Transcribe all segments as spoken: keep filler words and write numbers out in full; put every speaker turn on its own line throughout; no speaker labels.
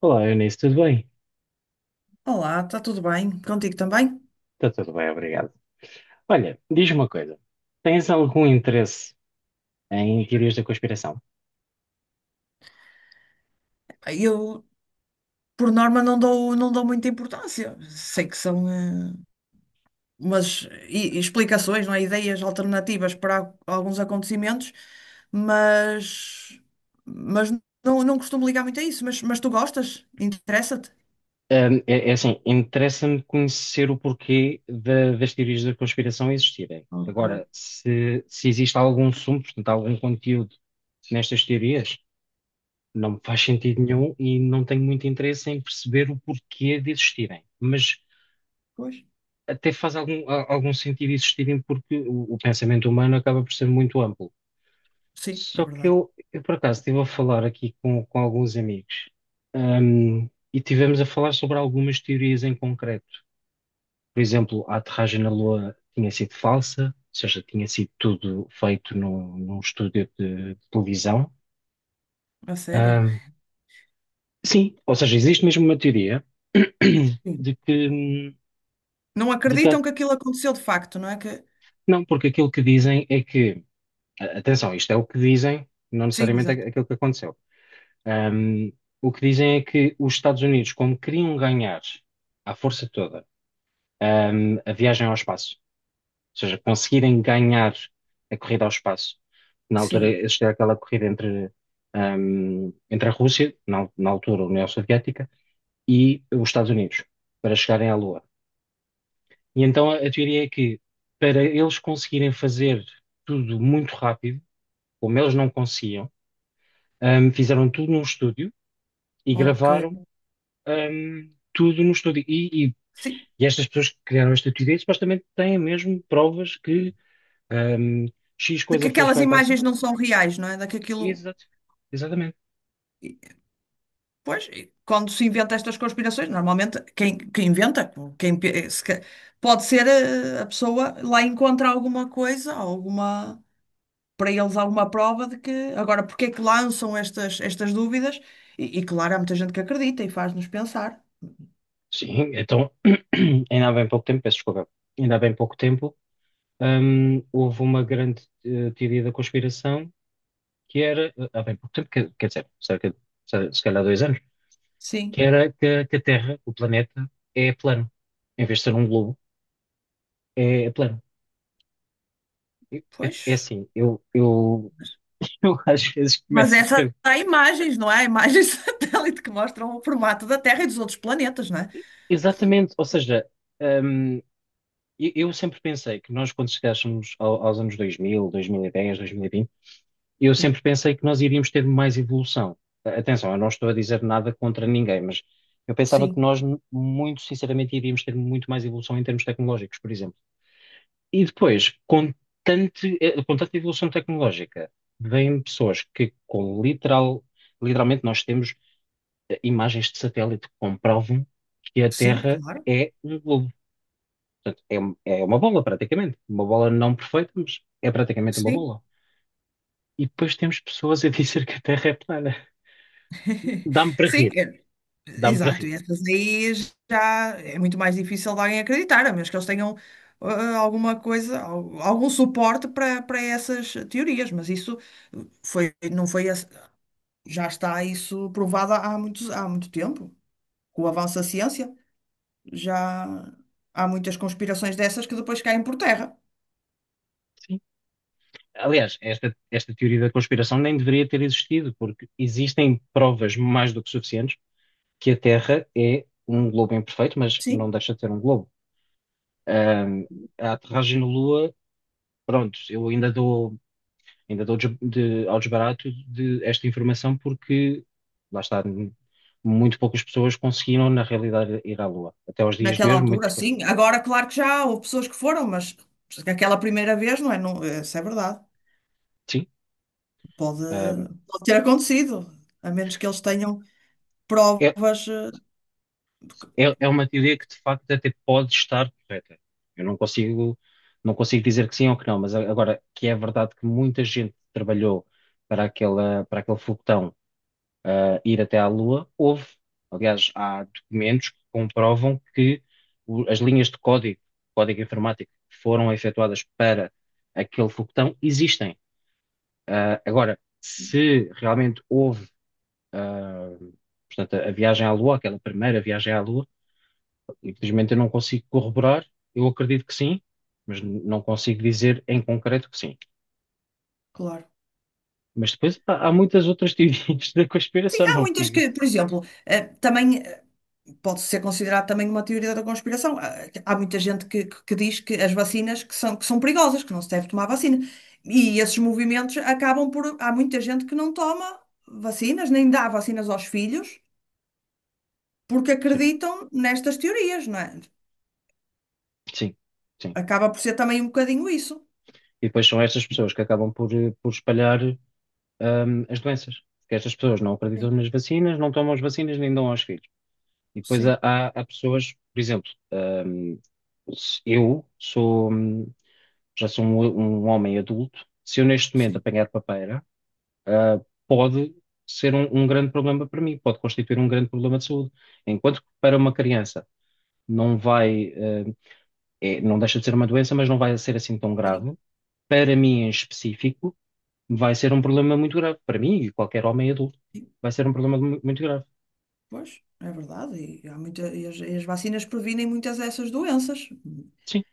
Olá, Eunice, tudo bem?
Olá, está tudo bem? Contigo também?
Está tudo bem, obrigado. Olha, diz-me uma coisa. Tens algum interesse em teorias da conspiração?
Eu, por norma, não dou, não dou muita importância. Sei que são eh, umas i- explicações, não é? Ideias alternativas para a- alguns acontecimentos, mas, mas não, não costumo ligar muito a isso. Mas, mas tu gostas? Interessa-te?
É, é assim, interessa-me conhecer o porquê da- das teorias da conspiração existirem.
Ok.
Agora, se, se existe algum sumo, portanto, algum conteúdo nestas teorias, não me faz sentido nenhum e não tenho muito interesse em perceber o porquê de existirem. Mas
Pois.
até faz algum, a- algum sentido existirem porque o, o pensamento humano acaba por ser muito amplo.
Sim, é
Só que
verdade.
eu, eu por acaso estive a falar aqui com, com alguns amigos, ahm, e tivemos a falar sobre algumas teorias em concreto. Por exemplo, a aterragem na Lua tinha sido falsa, ou seja, tinha sido tudo feito num, num estúdio de televisão.
A sério?
Ahm, sim, ou seja, existe mesmo uma teoria
Sim.
de que,
Não
de que, há-
acreditam que aquilo aconteceu de facto, não é? Que...
não, porque aquilo que dizem é que, a- atenção, isto é o que dizem, não
Sim,
necessariamente
exato.
é aquilo que aconteceu. Um, o que dizem é que os Estados Unidos, como queriam ganhar à força toda, um, a viagem ao espaço, ou seja, conseguirem ganhar a corrida ao espaço, na altura
Sim.
existia aquela corrida entre, um, entre a Rússia, na, na altura a União Soviética, e os Estados Unidos, para chegarem à Lua. E então a, a teoria é que, para eles conseguirem fazer tudo muito rápido, como eles não conseguiam, um, fizeram tudo num estúdio e
Ok.
gravaram hum, tudo no estúdio. E, e-
Sim.
e estas pessoas que criaram esta teoria supostamente têm mesmo provas que hum, X
De que
coisa foi
aquelas
feita assim.
imagens não são reais, não é? De que aquilo.
Exato. Exatamente.
Pois, e quando se inventa estas conspirações, normalmente quem, quem inventa, quem, pe- se ca- pode ser eh, a pessoa lá encontra alguma coisa, alguma, para eles alguma prova de que. Agora, porque é que lançam estas, estas dúvidas? E, e claro, há muita gente que acredita e faz-nos pensar.
Sim, então, ainda há bem pouco tempo, peço desculpa, ainda há bem pouco tempo, hum, houve uma grande eh, teoria da conspiração que era, eh, há bem pouco tempo, quer, quer dizer, cerca de, se se calhar dois anos, que
Sim,
era que, a que a Terra, o planeta, é plano. Em vez de ser um globo, é é plano. É, é
pois.
assim, eu, eu Eu às vezes
Mas
começo a
essa
pensar.
há imagens, não é? Há imagens satélite que mostram o formato da Terra e dos outros planetas, não é?
Exatamente, ou seja, hum, eu, eu sempre pensei que nós, quando chegássemos ao- aos anos dois mil, dois mil e dez, dois mil e vinte, eu
Sim,
sempre pensei que nós iríamos ter mais evolução. A- Atenção, eu não estou a dizer nada contra ninguém, mas eu pensava que
sim,
nós, m- muito sinceramente, iríamos ter muito mais evolução em termos tecnológicos, por exemplo. E depois, com, tante- eh, com tanta evolução tecnológica, vêm pessoas que, com literal, literalmente, nós temos imagens de satélite que comprovam que a
sim,
Terra
claro.
é um globo. Portanto, é, um- é uma bola, praticamente. Uma bola não perfeita, mas é praticamente uma
Sim,
bola. E depois temos pessoas a dizer que a Terra é plana. Dá-me para
sim,
rir,
é,
dá-me para
exato.
rir.
E essas aí já é muito mais difícil de alguém acreditar, a menos que eles tenham ah, alguma coisa, al- algum suporte para para essas teorias. Mas isso foi, não foi, esse- já está isso provado há muitos, há muito tempo. Com o avanço da ciência, já há muitas conspirações dessas que depois caem por terra.
Sim. Aliás, esta, esta teoria da conspiração nem deveria ter existido, porque existem provas mais do que suficientes que a Terra é um globo imperfeito, mas não
Sim,
deixa de ser um globo. Ahm, a aterragem na Lua, pronto, eu ainda dou. Ainda dou de, de, ao desbarato de esta informação porque, lá está, muito poucas pessoas conseguiram, na realidade, ir à Lua. Até aos dias de
naquela
hoje, muito
altura,
pouco.
sim. Agora, claro que já houve pessoas que foram, mas aquela primeira vez, não é? Não, isso é verdade.
Sim,
Pode,
ahm,
pode ter acontecido, a menos que eles tenham
é,
provas. eh, porque-
é, é uma teoria que, de facto, até pode estar correta. Eu não consigo, não consigo dizer que sim ou que não, mas a- agora, que é verdade que muita gente trabalhou para aquela, para aquele foguetão ah, ir até à Lua. Houve, aliás, há documentos que comprovam que o- as linhas de código, código informático, que foram efetuadas para aquele foguetão existem. Ah, agora, se realmente houve, ah, portanto, a a viagem à Lua, aquela primeira viagem à Lua, infelizmente eu não consigo corroborar, eu acredito que sim. Mas n- não consigo dizer em concreto que sim.
Claro.
Mas depois há, há muitas outras teorias da
Sim,
conspiração,
há
não
muitas
fico.
que, por exemplo, eh, também. Pode ser considerado também uma teoria da conspiração. Há há muita gente que, que- que diz que as vacinas que são, que são perigosas, que não se deve tomar vacina. E esses movimentos acabam por. Há muita gente que não toma vacinas, nem dá vacinas aos filhos, porque
Sim,
acreditam nestas teorias, não é?
sim. Sim.
Acaba por ser também um bocadinho isso.
E depois são estas pessoas que acabam por, eh, por espalhar, hum, as doenças. Porque estas pessoas não acreditam
Sim,
nas vacinas, não tomam as vacinas, nem dão aos filhos. E depois
sim,
há, há- há pessoas, por exemplo, hum, se eu sou, hum, já sou um, um homem adulto, se eu neste momento
sim.
apanhar papeira, ah, pode ser um, um grande problema para mim, pode constituir um grande problema de saúde. Enquanto que para uma criança não vai, ah, é- não deixa de ser uma doença, mas não vai ser assim tão
Sim.
grave. Para mim em específico, vai ser um problema muito grave para mim e qualquer homem adulto.
Sim.
Vai ser um problema mu- muito grave.
Pois, é verdade. E, há muita, e as, e as vacinas previnem muitas dessas doenças.
Sim.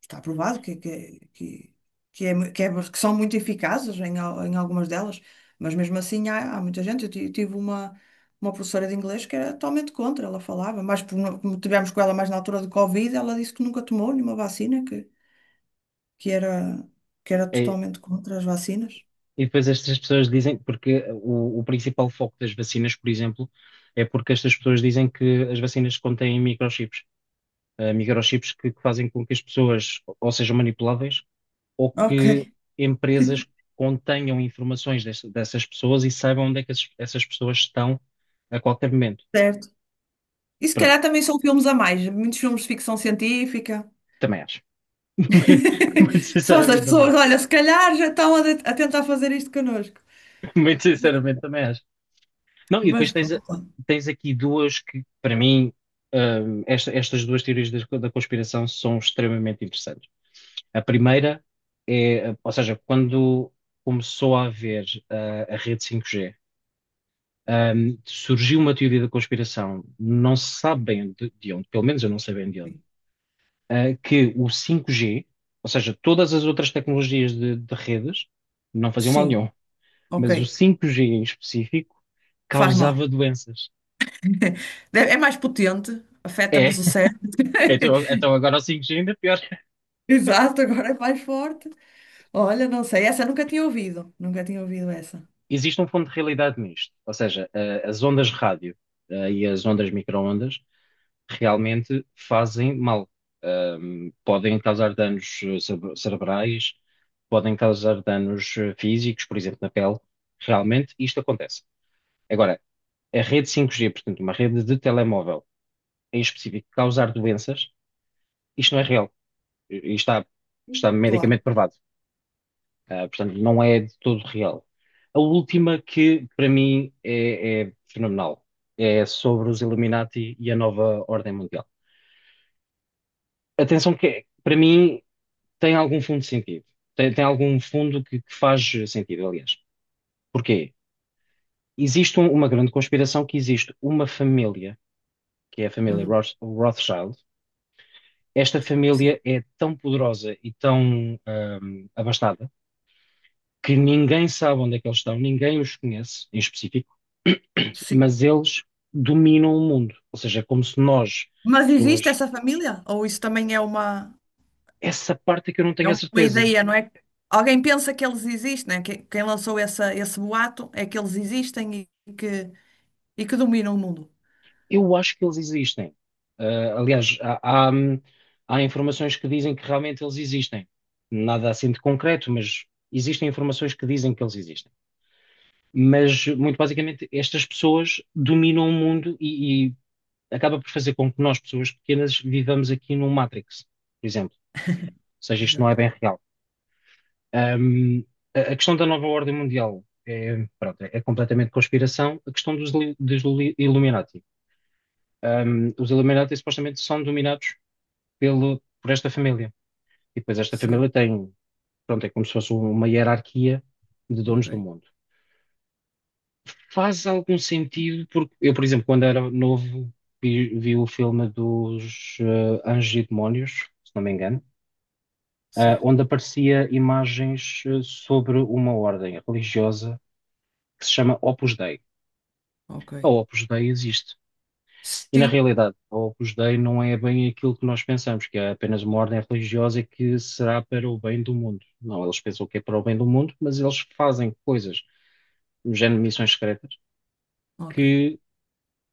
Está provado que, que, que, que, é, mu- que, é- que são muito eficazes em, al- em algumas delas, mas mesmo assim há, há muita gente. Eu ti- tive uma, uma professora de inglês que era totalmente contra, ela falava, mas por no- como tivemos com ela mais na altura do Covid, ela disse que nunca tomou nenhuma vacina, que, que era, que era
É-
totalmente contra as vacinas.
e depois estas pessoas dizem, porque o, o principal foco das vacinas, por exemplo, é porque estas pessoas dizem que as vacinas contêm microchips. Eh, microchips que, que fazem com que as pessoas ou sejam manipuláveis ou
Ok,
que empresas contenham informações desse- dessas pessoas e saibam onde é que essas, essas pessoas estão a qualquer momento.
certo. E se
Pronto,
calhar também são filmes a mais, muitos filmes de ficção científica.
também acho. Muito muito
Só as
sinceramente, também
pessoas,
acho.
olha, se calhar já estão a, de- a tentar fazer isto connosco.
Muito sinceramente, também acho. Não, e
Mas
depois tens,
pronto.
tens aqui duas que, para mim, hum, esta- estas duas teorias da, da conspiração são extremamente interessantes. A primeira é, ou seja, quando começou a haver ah, a rede cinco G, hum, surgiu uma teoria da conspiração, não se sabe bem de, de onde, pelo menos eu não sei bem de onde, ah, que o cinco G, ou seja, todas as outras tecnologias de, de redes, não faziam mal
Sim,
nenhum,
ok.
mas o cinco G em específico
Faz mal.
causava doenças.
Deve- É mais potente, afeta-nos o cérebro.
Então, então agora o cinco G ainda é pior.
Exato, agora é mais forte. Olha, não sei, essa eu nunca tinha ouvido. Nunca tinha ouvido essa.
Existe um fundo de realidade nisto. Ou seja, a- as ondas de rádio, eh, e as ondas micro-ondas realmente fazem mal. Ahm, podem causar danos eh, cere- cerebrais, podem causar danos eh, físicos, por exemplo, na pele. Realmente isto acontece. Agora, a rede cinco G, portanto, uma rede de telemóvel em específico, causar doenças, isto não é real. E e está, está
Claro.
medicamente provado. Ah, portanto, não é de todo real. A última que, para mim, é, é fenomenal. É sobre os Illuminati e a nova ordem mundial. Atenção que, para mim, tem algum fundo de sentido. Tem, tem algum fundo que, que faz sentido, aliás. Porquê? Existe um- uma grande conspiração que existe uma família, que é a família
Uhum.
Roth- Rothschild. Esta
Sim,
família é tão poderosa e tão ahm, abastada que ninguém sabe onde é que eles estão, ninguém os conhece em específico.
sim.
Mas eles dominam o mundo. Ou seja, é como se nós,
Mas existe
pessoas,
essa família? Ou isso também é uma,
essa parte é que eu não
é
tenho a
uma
certeza.
ideia, não é? Alguém pensa que eles existem, né? Que, quem lançou essa, esse boato é que eles existem e que e que dominam o mundo.
Eu acho que eles existem. Ah, aliás, há, há, hum, há informações que dizem que realmente eles existem. Nada assim de concreto, mas existem informações que dizem que eles existem. Mas, muito basicamente, estas pessoas dominam o mundo e, e acaba por fazer com que nós, pessoas pequenas, vivamos aqui num Matrix, por exemplo. Ou seja, isto não é
Exato.
bem real. Um, a a questão da nova ordem mundial é, pronto, é é completamente conspiração. A questão dos, li- dos li- Illuminati. Um, os Illuminati supostamente são dominados pelo, por esta família. E depois esta
Sim,
família tem, pronto, é como se fosse um, uma hierarquia de
ok.
donos do mundo. Faz algum sentido, porque eu, por exemplo, quando era novo, vi, vi o filme dos eh, Anjos e Demónios, se não me engano, ah,
Certo,
onde aparecia imagens eh, sobre uma ordem religiosa que se chama Opus Dei.
ok.
A Opus Dei existe. E na
Sim,
realidade, a Opus Dei não é bem aquilo que nós pensamos, que é apenas uma ordem religiosa que será para o bem do mundo. Não, eles pensam que é para o bem do mundo, mas eles fazem coisas, no género de missões secretas,
ok.
que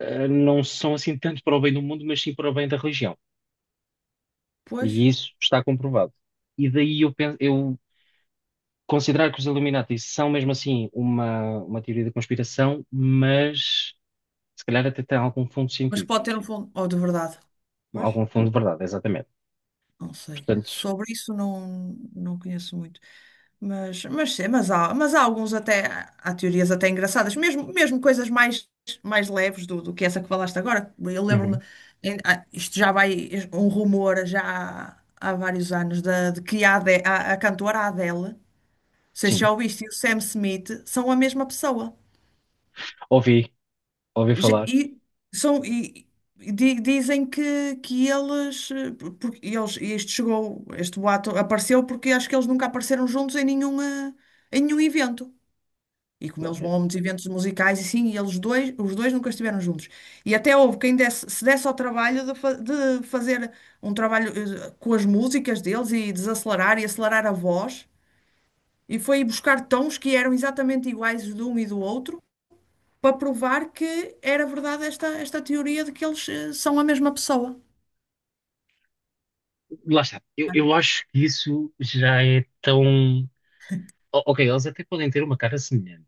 eh, não são assim tanto para o bem do mundo, mas sim para o bem da religião. E
Pois,
isso está comprovado. E daí eu, penso, eu considerar que os Illuminati são mesmo assim uma, uma teoria da conspiração, mas se calhar até tem algum fundo de
mas
sentido,
pode ter um fundo. Oh, de verdade. Pois.
algum fundo de verdade, exatamente.
Não sei.
Portanto,
Sobre isso não, não conheço muito. Mas, mas, sim, mas, há, mas há alguns até, há teorias até engraçadas, mesmo, mesmo coisas mais, mais leves do, do que essa que falaste agora. Eu lembro-me,
Uhum.
em- ah, isto já vai, um rumor já há, há vários anos, da, de que a, Ade- a, a cantora Adele, não sei se
Sim,
já ouviste, e o Sam Smith são a mesma pessoa.
ouvi, ouvi
Ge-
falar.
E, são, e, e di- dizem que, que eles, eh, porque eles, e isto chegou, este boato apareceu porque acho que eles nunca apareceram juntos em nenhuma, em nenhum evento. E como eles vão a muitos eventos musicais e sim, e eles dois, os dois nunca estiveram juntos. E até houve quem desse, se desse ao trabalho de, fa- de fazer um trabalho eh, com as músicas deles e desacelerar e acelerar a voz. E foi buscar tons que eram exatamente iguais de um e do outro para provar que era verdade esta, esta teoria de que eles eh, são a mesma pessoa.
Lá está. Eu, eu acho que isso já é tão. O- Ok, eles até podem ter uma cara semelhante.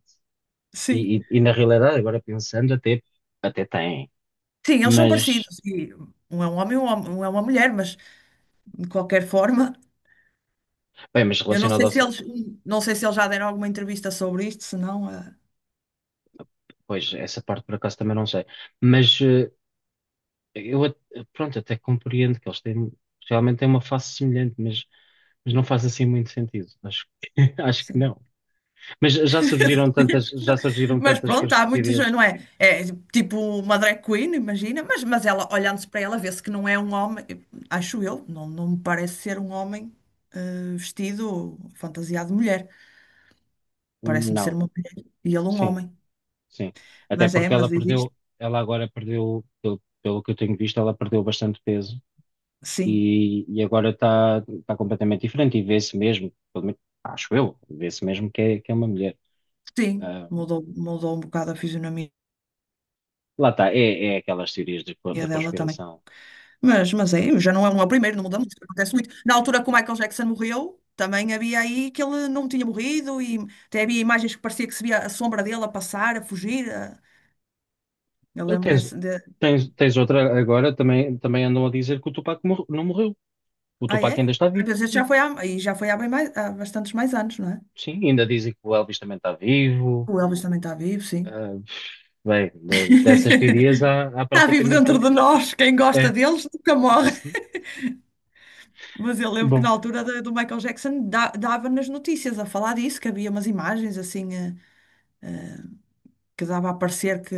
Sim.
E, e- e na realidade, agora pensando, até, até têm.
Sim, eles são
Mas,
parecidos. E um é um homem, um hom- um é uma mulher, mas de qualquer forma,
bem, mas
eu não
relacionado
sei
a.
se eles, não sei se eles já deram alguma entrevista sobre isto, se não, eh,
Pois, essa parte por acaso também não sei. Mas eh, eu, at- pronto, até compreendo que eles têm. Realmente têm uma face semelhante, mas, mas não faz assim muito sentido. Acho, que- acho que
sim.
não. Mas já surgiram tantas, já surgiram
Mas
tantas
pronto, há muitos,
conspiratorias?
não é? É tipo uma drag queen, imagina, mas, mas ela, olhando-se para ela, vê-se que não é um homem, acho eu, não, não me parece ser um homem eh, vestido, fantasiado de mulher. Parece-me ser uma mulher e ele um
Sim,
homem.
sim. Até
Mas é,
porque ela
mas existe.
perdeu, ela agora perdeu, pelo, pelo que eu tenho visto, ela perdeu bastante peso
Sim,
e, e agora está tá tá completamente diferente e vê-se mesmo, pelo menos, acho eu, vê-se mesmo que é, que é uma mulher.
sim.
Ah,
Mudou, mudou um bocado a fisionomia
lá está, é, é aquelas teorias de co- da
dela também.
conspiração.
Mas, mas é, já não é uma primeira, não muda muito, acontece muito. Na altura que o Michael Jackson morreu, também havia aí que ele não tinha morrido e até havia imagens que parecia que se via a sombra dele a passar, a fugir. a- Eu
Ah,
lembro
Tens,
nessa. De...
tens, tens outra agora, também, também andam a dizer que o Tupac mor- não morreu. O
Ah, é?
Tupac ainda está
Ah,
vivo,
mas isso
sim.
já foi há, e já foi há, bem mais, há bastantes mais anos, não é?
Sim, ainda dizem que o Elvis também está vivo.
O Elvis também está vivo, sim.
Ah, bem, de- dessas teorias há, há
Está vivo
praticamente.
dentro de nós. Quem gosta
É.
deles nunca morre. Mas eu lembro que na
Bom,
altura da- do Michael Jackson da- dava nas notícias a falar disso, que havia umas imagens assim eh, que dava a parecer que,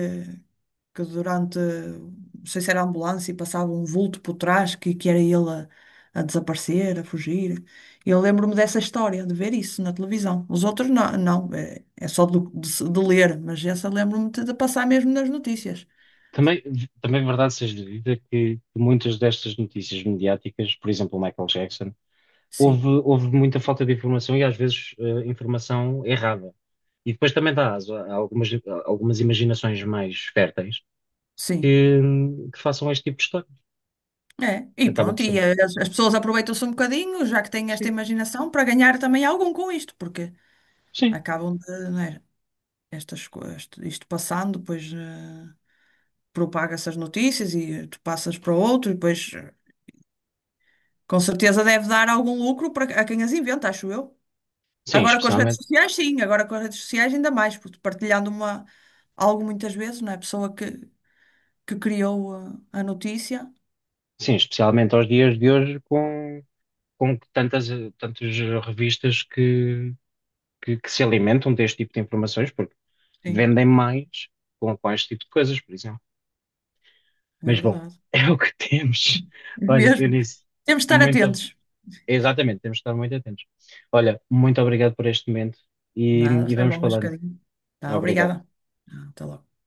que durante, não sei se era a ambulância, e passava um vulto por trás, que, que era ele a, a desaparecer, a fugir. Eu lembro-me dessa história, de ver isso na televisão. Os outros não, não é, é só do- de, se- de ler, mas essa lembro-me de, de passar mesmo nas notícias.
também, também é verdade seja dita que muitas destas notícias mediáticas, por exemplo, o Michael Jackson,
Sim,
houve, houve muita falta de informação e às vezes eh, informação errada. E depois também dá aso a algumas, a algumas imaginações mais férteis
sim.
que, que façam este tipo de história.
É, e
Acaba por
pronto, e
ser.
as, as pessoas aproveitam-se um bocadinho, já que têm esta
Sim,
imaginação, para ganhar também algum com isto, porque
sim,
acabam de, não é, estas, co- isto, isto passando, depois eh, propaga-se as notícias e tu passas para outro, e depois eh, com certeza deve dar algum lucro para a quem as inventa, acho eu.
sim,
Agora com as redes
especialmente,
sociais, sim, agora com as redes sociais ainda mais, porque partilhando uma, algo muitas vezes, não é? A pessoa que, que criou a, a notícia,
sim, especialmente aos dias de hoje com, com tantas, tantas revistas que, que, que se alimentam deste tipo de informações, porque
sim.
vendem mais com, com este tipo de coisas, por exemplo.
É
Mas bom,
verdade.
é o que temos. Olha,
Mesmo.
Eunice,
Temos de estar
muito.
atentos.
Exatamente, temos de estar muito atentos. Olha, muito obrigado por este momento e,
Nada,
e
foi
vamos
bom este
falando.
bocadinho. Tá,
Obrigado.
obrigada. Ah, até logo.